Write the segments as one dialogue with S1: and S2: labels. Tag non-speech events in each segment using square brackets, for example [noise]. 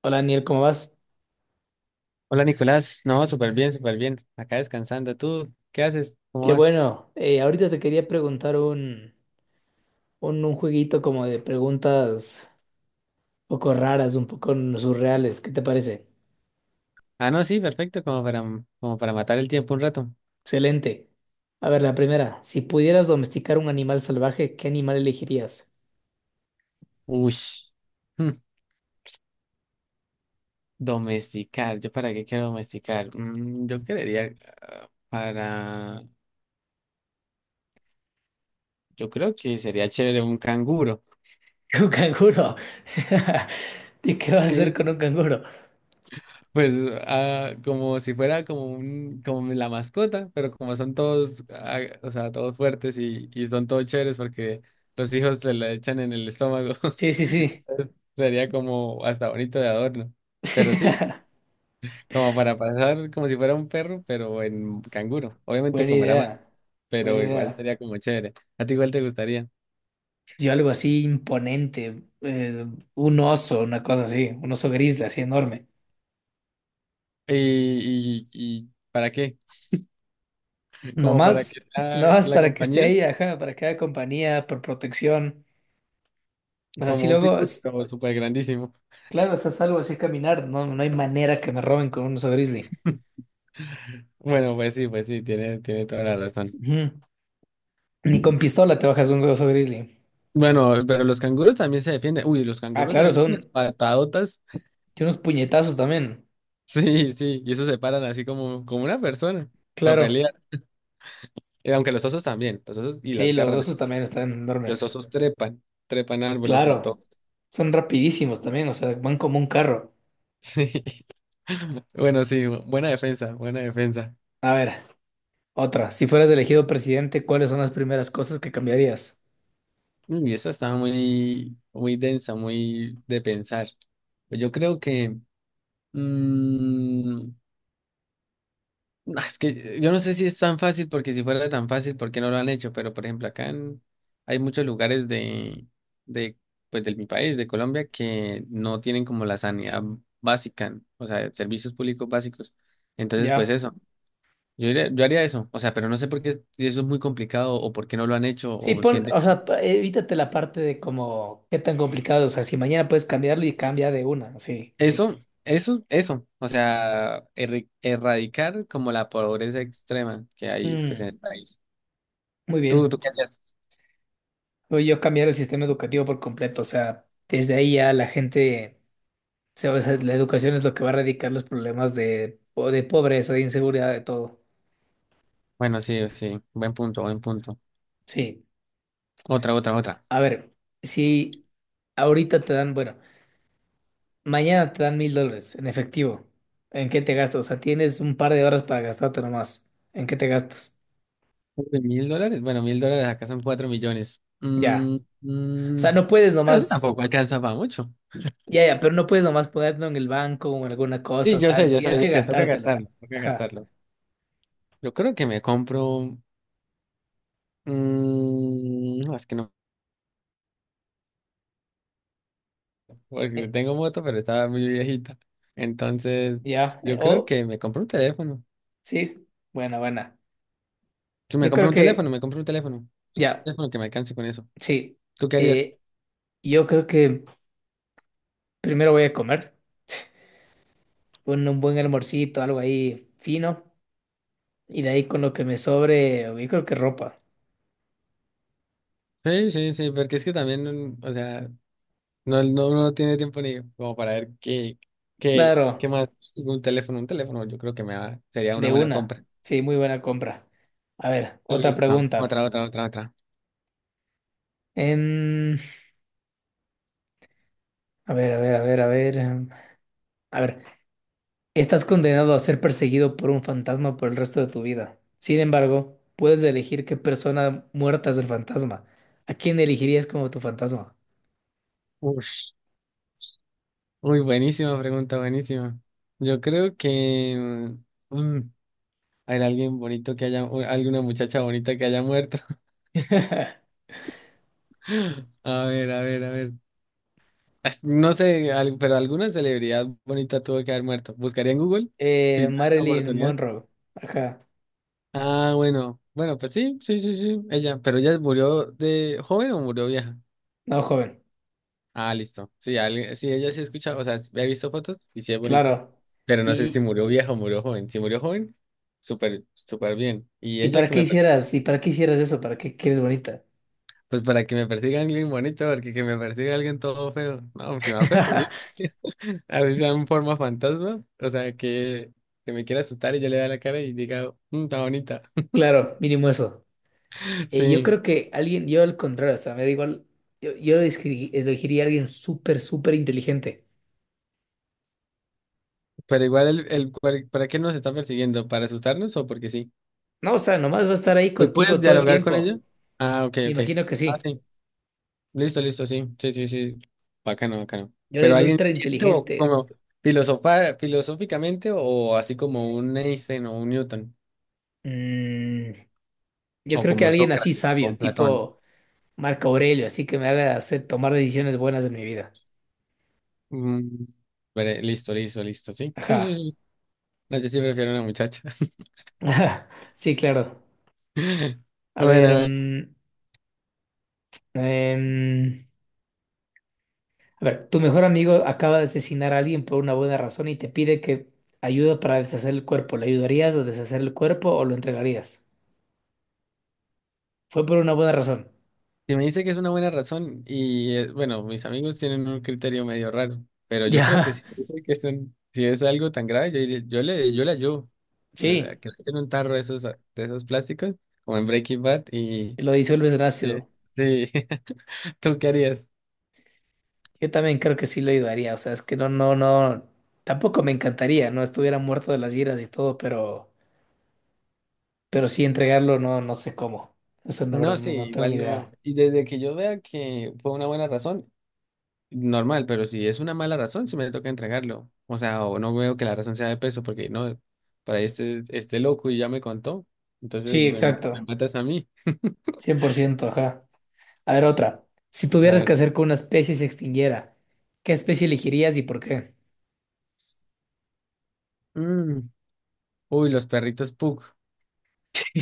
S1: Hola Daniel, ¿cómo vas?
S2: Hola Nicolás, no, súper bien, súper bien. Acá descansando. ¿Tú qué haces? ¿Cómo
S1: Qué
S2: vas?
S1: bueno. Ahorita te quería preguntar un jueguito como de preguntas un poco raras, un poco surreales. ¿Qué te parece?
S2: Ah, no, sí, perfecto, como para matar el tiempo un rato.
S1: Excelente. A ver, la primera. Si pudieras domesticar un animal salvaje, ¿qué animal elegirías?
S2: Ush, hmm, domesticar. ¿Yo para qué quiero domesticar? Yo querría ah, para. Yo creo que sería chévere un canguro.
S1: [laughs] Un canguro. [laughs] ¿Y
S2: [laughs]
S1: qué vas a hacer
S2: Sí,
S1: con un canguro?
S2: pues como si fuera como un, como la mascota, pero como son todos, o sea, todos fuertes y son todos chéveres porque los hijos se la echan en el estómago.
S1: Sí,
S2: [laughs]
S1: sí, sí.
S2: Entonces, sería como hasta bonito de adorno. Pero sí,
S1: [laughs]
S2: como para pasar como si fuera un perro, pero en canguro. Obviamente
S1: Buena
S2: comerá más,
S1: idea. Buena
S2: pero igual
S1: idea.
S2: sería como chévere. A ti igual te gustaría.
S1: Yo algo así imponente. Un oso, una cosa así. Un oso grizzly, así enorme.
S2: ¿Y para qué? Como para que
S1: Nomás,
S2: sea
S1: nomás
S2: la
S1: para que esté
S2: compañía,
S1: ahí, ajá, para que haga compañía, por protección. O sea, si
S2: como un
S1: luego,
S2: pitbull,
S1: si-
S2: como súper grandísimo.
S1: claro, estás salvo así a caminar, no, no hay manera que me roben con un oso grizzly.
S2: Bueno, pues sí, tiene toda la razón.
S1: Ujú. Ni con pistola te bajas un oso grizzly.
S2: Bueno, pero los canguros también se defienden. Uy, los
S1: Ah,
S2: canguros
S1: claro,
S2: dan unas
S1: son
S2: patadotas. [laughs]
S1: tiene unos puñetazos también.
S2: Sí, sí, y eso se paran así como una persona para
S1: Claro.
S2: pelear. Y aunque los osos también, los osos y
S1: Sí,
S2: las
S1: los
S2: garras.
S1: osos también están
S2: Los
S1: enormes.
S2: osos trepan árboles y
S1: Claro.
S2: todo. [laughs]
S1: Son rapidísimos también, o sea, van como un carro.
S2: Sí. Bueno, sí, buena defensa, buena defensa.
S1: A ver, otra. Si fueras elegido presidente, ¿cuáles son las primeras cosas que cambiarías?
S2: Y esa estaba muy, muy densa, muy de pensar. Pues yo creo que. mm, Es que yo no sé si es tan fácil, porque si fuera tan fácil, ¿por qué no lo han hecho? Pero, por ejemplo, acá en- hay muchos lugares de, pues, de mi país, de Colombia, que no tienen como la sanidad básica, o sea, servicios públicos básicos. Entonces, pues
S1: Ya.
S2: eso, yo haría eso, o sea, pero no sé por qué si eso es muy complicado o por qué no lo han hecho
S1: Sí,
S2: o
S1: pon,
S2: sienten
S1: o
S2: que...
S1: sea, evítate la parte de como qué tan complicado, o sea, si mañana puedes cambiarlo y cambia de una, sí.
S2: Eso, eso, o sea, erradicar como la pobreza extrema que hay, pues, en
S1: Mm,
S2: el país.
S1: muy
S2: ¿Tú,
S1: bien.
S2: tú qué harías?
S1: Voy yo a cambiar el sistema educativo por completo, o sea, desde ahí ya la gente, o sea, la educación es lo que va a erradicar los problemas de, de pobreza, de inseguridad, de todo.
S2: Bueno, sí, sí, buen punto, buen punto.
S1: Sí,
S2: Otra, otra, otra.
S1: a ver, si ahorita te dan, bueno, mañana te dan $1,000 en efectivo, ¿en qué te gastas? O sea, tienes un par de horas para gastarte nomás, ¿en qué te gastas?
S2: Uy, ¿$1.000? Bueno, $1.000 acá son 4 millones.
S1: Ya. O sea,
S2: Mm,
S1: no puedes
S2: pero eso
S1: nomás.
S2: tampoco alcanza para mucho.
S1: Ya, ya, pero no puedes nomás ponerlo en el banco o en alguna cosa,
S2: Sí,
S1: o
S2: yo sé,
S1: sea,
S2: yo sé,
S1: tienes que
S2: yo sé, toca
S1: gastártelo.
S2: gastarlo, toca
S1: Ajá.
S2: gastarlo. Yo creo que me compro... no, es que no, porque
S1: Eh,
S2: tengo moto, pero estaba muy viejita. Entonces,
S1: ya,
S2: yo creo
S1: oh,
S2: que me compro un teléfono.
S1: sí, buena, buena.
S2: Si me
S1: Yo
S2: compro
S1: creo
S2: un
S1: que,
S2: teléfono, me compro un teléfono. Y que un
S1: ya,
S2: teléfono que me alcance con eso.
S1: sí.
S2: ¿Tú qué harías?
S1: Eh, yo creo que primero voy a comer un buen almorcito, algo ahí fino, y de ahí con lo que me sobre, yo creo que ropa.
S2: Sí, sí, sí, porque es que también, o sea... No, no, no tiene tiempo ni como para ver qué
S1: Claro,
S2: más. Un teléfono, yo creo que sería una
S1: de
S2: buena
S1: una.
S2: compra.
S1: Sí, muy buena compra. A ver, otra
S2: Listo.
S1: pregunta.
S2: Otra, otra, otra, otra.
S1: Em, a ver, a ver, a ver, a ver. A ver. Estás condenado a ser perseguido por un fantasma por el resto de tu vida. Sin embargo, puedes elegir qué persona muerta es el fantasma. ¿A quién elegirías como tu fantasma?
S2: Ush. Uy, buenísima pregunta, buenísima. Yo creo que mm, hay alguien bonito que haya, o alguna muchacha bonita que haya muerto.
S1: [laughs]
S2: [laughs] A ver, a ver, a ver. No sé, pero alguna celebridad bonita tuvo que haber muerto. Buscaría en Google si me dan la
S1: Marilyn
S2: oportunidad.
S1: Monroe. Ajá.
S2: Ah, bueno, bueno, pues sí, sí, sí, sí, ella, pero ella murió de joven o murió vieja.
S1: No, joven.
S2: Ah, listo. Sí, sí, ella sí escucha, o sea, he visto fotos y sí es bonita,
S1: Claro.
S2: pero no sé si
S1: ¿Y,
S2: murió vieja o murió joven. Si murió joven, súper, súper bien. Y
S1: y
S2: ella
S1: para
S2: que
S1: qué
S2: me, per-
S1: hicieras? ¿Y para qué hicieras eso? ¿Para qué quieres bonita?
S2: pues para que me persiga alguien bonito, porque que me persiga alguien todo feo, no, pues si me va a perseguir,
S1: [laughs]
S2: [laughs] así sea en forma fantasma, o sea, que me quiera asustar y yo le da la cara y diga, "Mm, está bonita.
S1: Claro, mínimo eso.
S2: [laughs]
S1: Yo
S2: Sí.
S1: creo que alguien, yo al contrario, o sea, me da igual, yo elegiría a alguien súper, súper inteligente.
S2: Pero igual, ¿para qué nos está persiguiendo? ¿Para asustarnos o porque sí?
S1: No, o sea, nomás va a estar ahí
S2: Hoy puedes
S1: contigo todo el
S2: dialogar con
S1: tiempo.
S2: ella. Ah, ok,
S1: Me
S2: ok.
S1: imagino que
S2: Ah,
S1: sí.
S2: sí. Listo, listo, sí. Sí, sí, sí. Bacano, bacano.
S1: Yo era
S2: Pero
S1: el
S2: alguien
S1: ultra
S2: siente o
S1: inteligente.
S2: como filosofar, filosóficamente o así como un Einstein o un Newton
S1: Mm, yo
S2: o
S1: creo que
S2: como un
S1: alguien así
S2: Sócrates o
S1: sabio,
S2: un Platón.
S1: tipo Marco Aurelio, así que me haga hacer tomar decisiones buenas en mi vida.
S2: Mm, veré, listo, listo, listo, sí. Sí, sí,
S1: Ajá.
S2: sí. No, yo sí prefiero una muchacha.
S1: [laughs] Ajá. Sí, claro.
S2: [laughs]
S1: A ver,
S2: Bueno,
S1: em, a ver, tu mejor amigo acaba de asesinar a alguien por una buena razón y te pide que ayuda para deshacer el cuerpo. ¿Le ayudarías a deshacer el cuerpo o lo entregarías? Fue por una buena razón. [laughs]
S2: si me dice que es una buena razón, y bueno, mis amigos tienen un criterio medio raro, pero yo creo que
S1: Ya.
S2: sí, yo creo que si es algo tan grave, yo le ayudo.
S1: Sí,
S2: Que le den un tarro de esos, plásticos, como en Breaking Bad, y
S1: lo disuelves en
S2: sí,
S1: ácido.
S2: sí. [laughs] ¿Tú qué harías?
S1: Yo también creo que sí lo ayudaría, o sea, es que no, no, no, tampoco me encantaría, ¿no? Estuviera muerto de las giras y todo, pero, sí entregarlo, no, no sé cómo. Eso la verdad
S2: No, sí,
S1: no, no tengo
S2: igual
S1: ni
S2: no.
S1: idea.
S2: Y desde que yo vea que fue una buena razón, normal, pero si es una mala razón, si me toca entregarlo. O sea, o no veo que la razón sea de peso, porque no, para este loco y ya me contó. Entonces
S1: Sí,
S2: me
S1: exacto,
S2: matas a mí.
S1: 100%, ajá. A ver, otra. Si
S2: A
S1: tuvieras que
S2: ver.
S1: hacer que una especie se extinguiera, ¿qué especie elegirías y por qué?
S2: Mm. Uy, los perritos Pug.
S1: [laughs]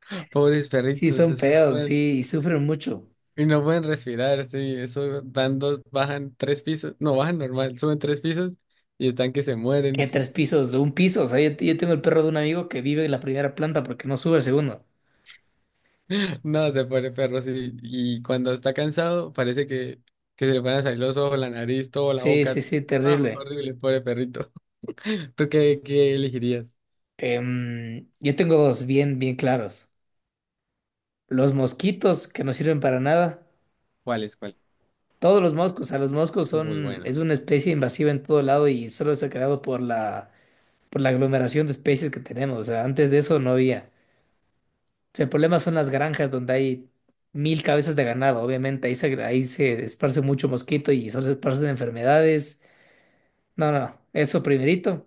S2: [laughs] Pobres
S1: Sí,
S2: perritos,
S1: son
S2: eso no
S1: feos,
S2: pueden,
S1: sí, y sufren mucho.
S2: y no pueden respirar, sí. Eso van dos, bajan 3 pisos. No, bajan normal, suben 3 pisos y están que se mueren.
S1: ¿Qué tres
S2: [laughs]
S1: pisos, un piso, o sea, yo tengo el perro de un amigo que vive en la primera planta porque no sube al segundo.
S2: No, se muere perro y cuando está cansado parece que se le van a salir los ojos, la nariz, toda la
S1: Sí, sí,
S2: boca.
S1: sí,
S2: Ah,
S1: terrible.
S2: horrible, pobre perrito. [laughs] ¿Tú qué elegirías?
S1: Yo tengo dos bien, bien claros. Los mosquitos, que no sirven para nada.
S2: ¿Cuál es cuál?
S1: Todos los moscos, o sea, los moscos
S2: Muy
S1: son, es
S2: bueno.
S1: una especie invasiva en todo lado y solo se ha creado por la, aglomeración de especies que tenemos. O sea, antes de eso no había. O sea, el problema son las granjas donde hay mil cabezas de ganado. Obviamente ahí se esparce mucho mosquito y solo se esparcen enfermedades. No, no, eso primerito.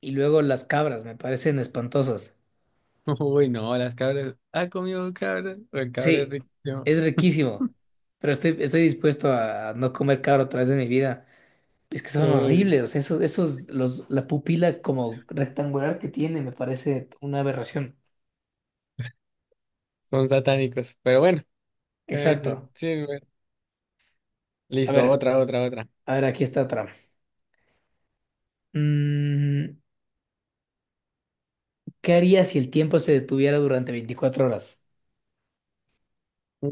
S1: Y luego las cabras, me parecen espantosas.
S2: [laughs] Uy, no, las cabras. ¿Ha comido cabras? O el cabra es
S1: Sí,
S2: rico.
S1: es
S2: [laughs]
S1: riquísimo, pero estoy dispuesto a no comer cabra otra vez en mi vida. Es que son
S2: Uy,
S1: horribles, o sea, esos, los, la pupila como rectangular que tiene me parece una aberración.
S2: son satánicos. Pero bueno, cada
S1: Exacto.
S2: quien. Sí, bueno.
S1: A
S2: Listo,
S1: ver,
S2: otra, otra, otra.
S1: a ver, aquí está otra. Mm, ¿qué harías si el tiempo se detuviera durante 24 horas?
S2: Mm,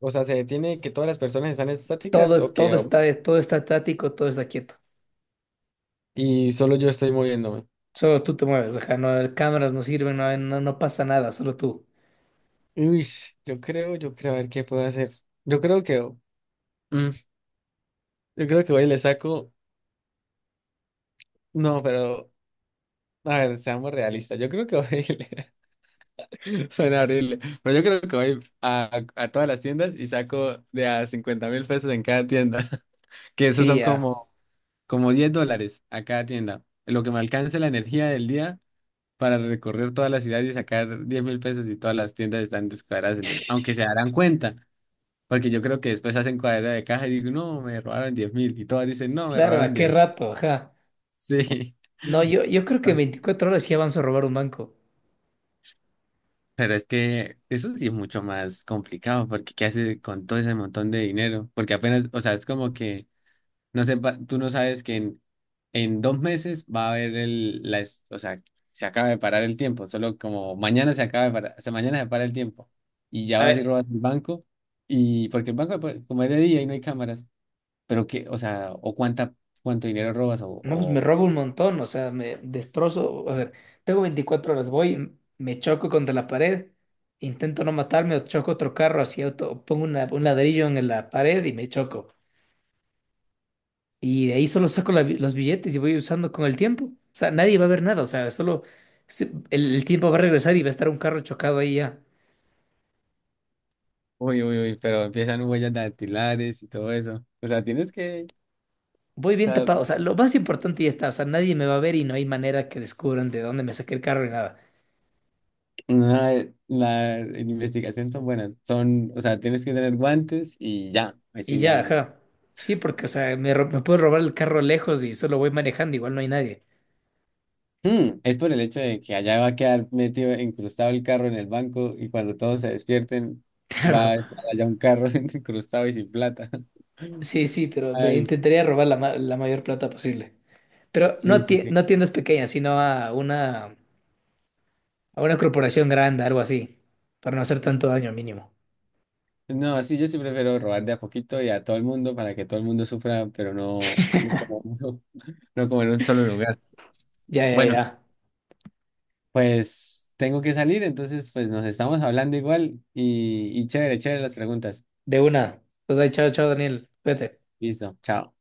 S2: O sea, ¿se detiene que todas las personas están
S1: Todo,
S2: estáticas o que
S1: todo está, todo está estático, todo está quieto.
S2: y solo yo estoy moviéndome?
S1: Solo tú te mueves, o sea, no, cámaras no sirven, no, no, no pasa nada, solo tú.
S2: Uy, yo creo, a ver qué puedo hacer. Yo creo que, mm, yo creo que hoy le saco. No, pero, a ver, seamos realistas. Yo creo que hoy [laughs] soy en abril. Pero yo creo que voy a todas las tiendas y saco de a 50.000 pesos en cada tienda. [laughs] Que esos
S1: Sí,
S2: son
S1: ya.
S2: como $10 a cada tienda. Lo que me alcance la energía del día para recorrer toda la ciudad y sacar 10.000 pesos y todas las tiendas están descuadradas en 10. Aunque se darán cuenta. Porque yo creo que después hacen cuadra de caja y digo, no, me robaron 10.000. Y todas dicen, no, me
S1: Claro, ¿a
S2: robaron
S1: qué
S2: diez.
S1: rato? Ajá.
S2: Sí.
S1: No, yo creo que en
S2: [laughs]
S1: 24 horas sí avanzo a robar un banco.
S2: Pero es que eso sí es mucho más complicado, porque ¿qué haces con todo ese montón de dinero? Porque apenas, o sea, es como que, no sé, tú no sabes que en, 2 meses va a haber o sea, se acaba de parar el tiempo, solo como mañana se acaba de parar, o sea, mañana se para el tiempo, y ya
S1: A
S2: vas y
S1: ver,
S2: robas el banco, y porque el banco, pues, como es de día y no hay cámaras, pero que, o sea, o cuánto dinero robas,
S1: no, pues me robo un montón, o sea, me destrozo. A ver, tengo 24 horas, voy, me choco contra la pared, intento no matarme o choco otro carro así, auto, o pongo un ladrillo en la pared y me choco. Y de ahí solo saco la los billetes y voy usando con el tiempo. O sea, nadie va a ver nada, o sea, solo el tiempo va a regresar y va a estar un carro chocado ahí ya.
S2: uy, uy, uy, pero empiezan huellas dactilares y todo eso, o sea, tienes que...
S1: Voy bien tapado, o sea, lo más importante ya está, o sea, nadie me va a ver y no hay manera que descubran de dónde me saqué el carro ni nada.
S2: No, la en investigación son buenas. Son, o sea, tienes que tener guantes y ya.
S1: Y
S2: Así
S1: ya,
S2: ya.
S1: ajá. Sí, porque, o sea, me puedo robar el carro lejos y solo voy manejando, igual no hay nadie. [laughs]
S2: Es por el hecho de que allá va a quedar metido, incrustado el carro en el banco y cuando todos se despierten va a
S1: Claro,
S2: estar allá un carro [laughs] incrustado y sin plata. [laughs]
S1: sí, sí, pero me
S2: Ay,
S1: intentaría robar la mayor plata posible. Pero no,
S2: sí, sí, sí.
S1: no a tiendas pequeñas, sino a una, corporación grande, algo así, para no hacer tanto daño mínimo.
S2: No, sí, yo sí prefiero robar de a poquito y a todo el mundo para que todo el mundo sufra, pero no, no como, [laughs] no como en un solo lugar.
S1: Ya, ya,
S2: Bueno.
S1: ya.
S2: Pues tengo que salir, entonces pues nos estamos hablando igual y chévere, chévere las preguntas.
S1: De una. Pues ahí, chao, chao, Daniel. Cuídate.
S2: Listo, chao.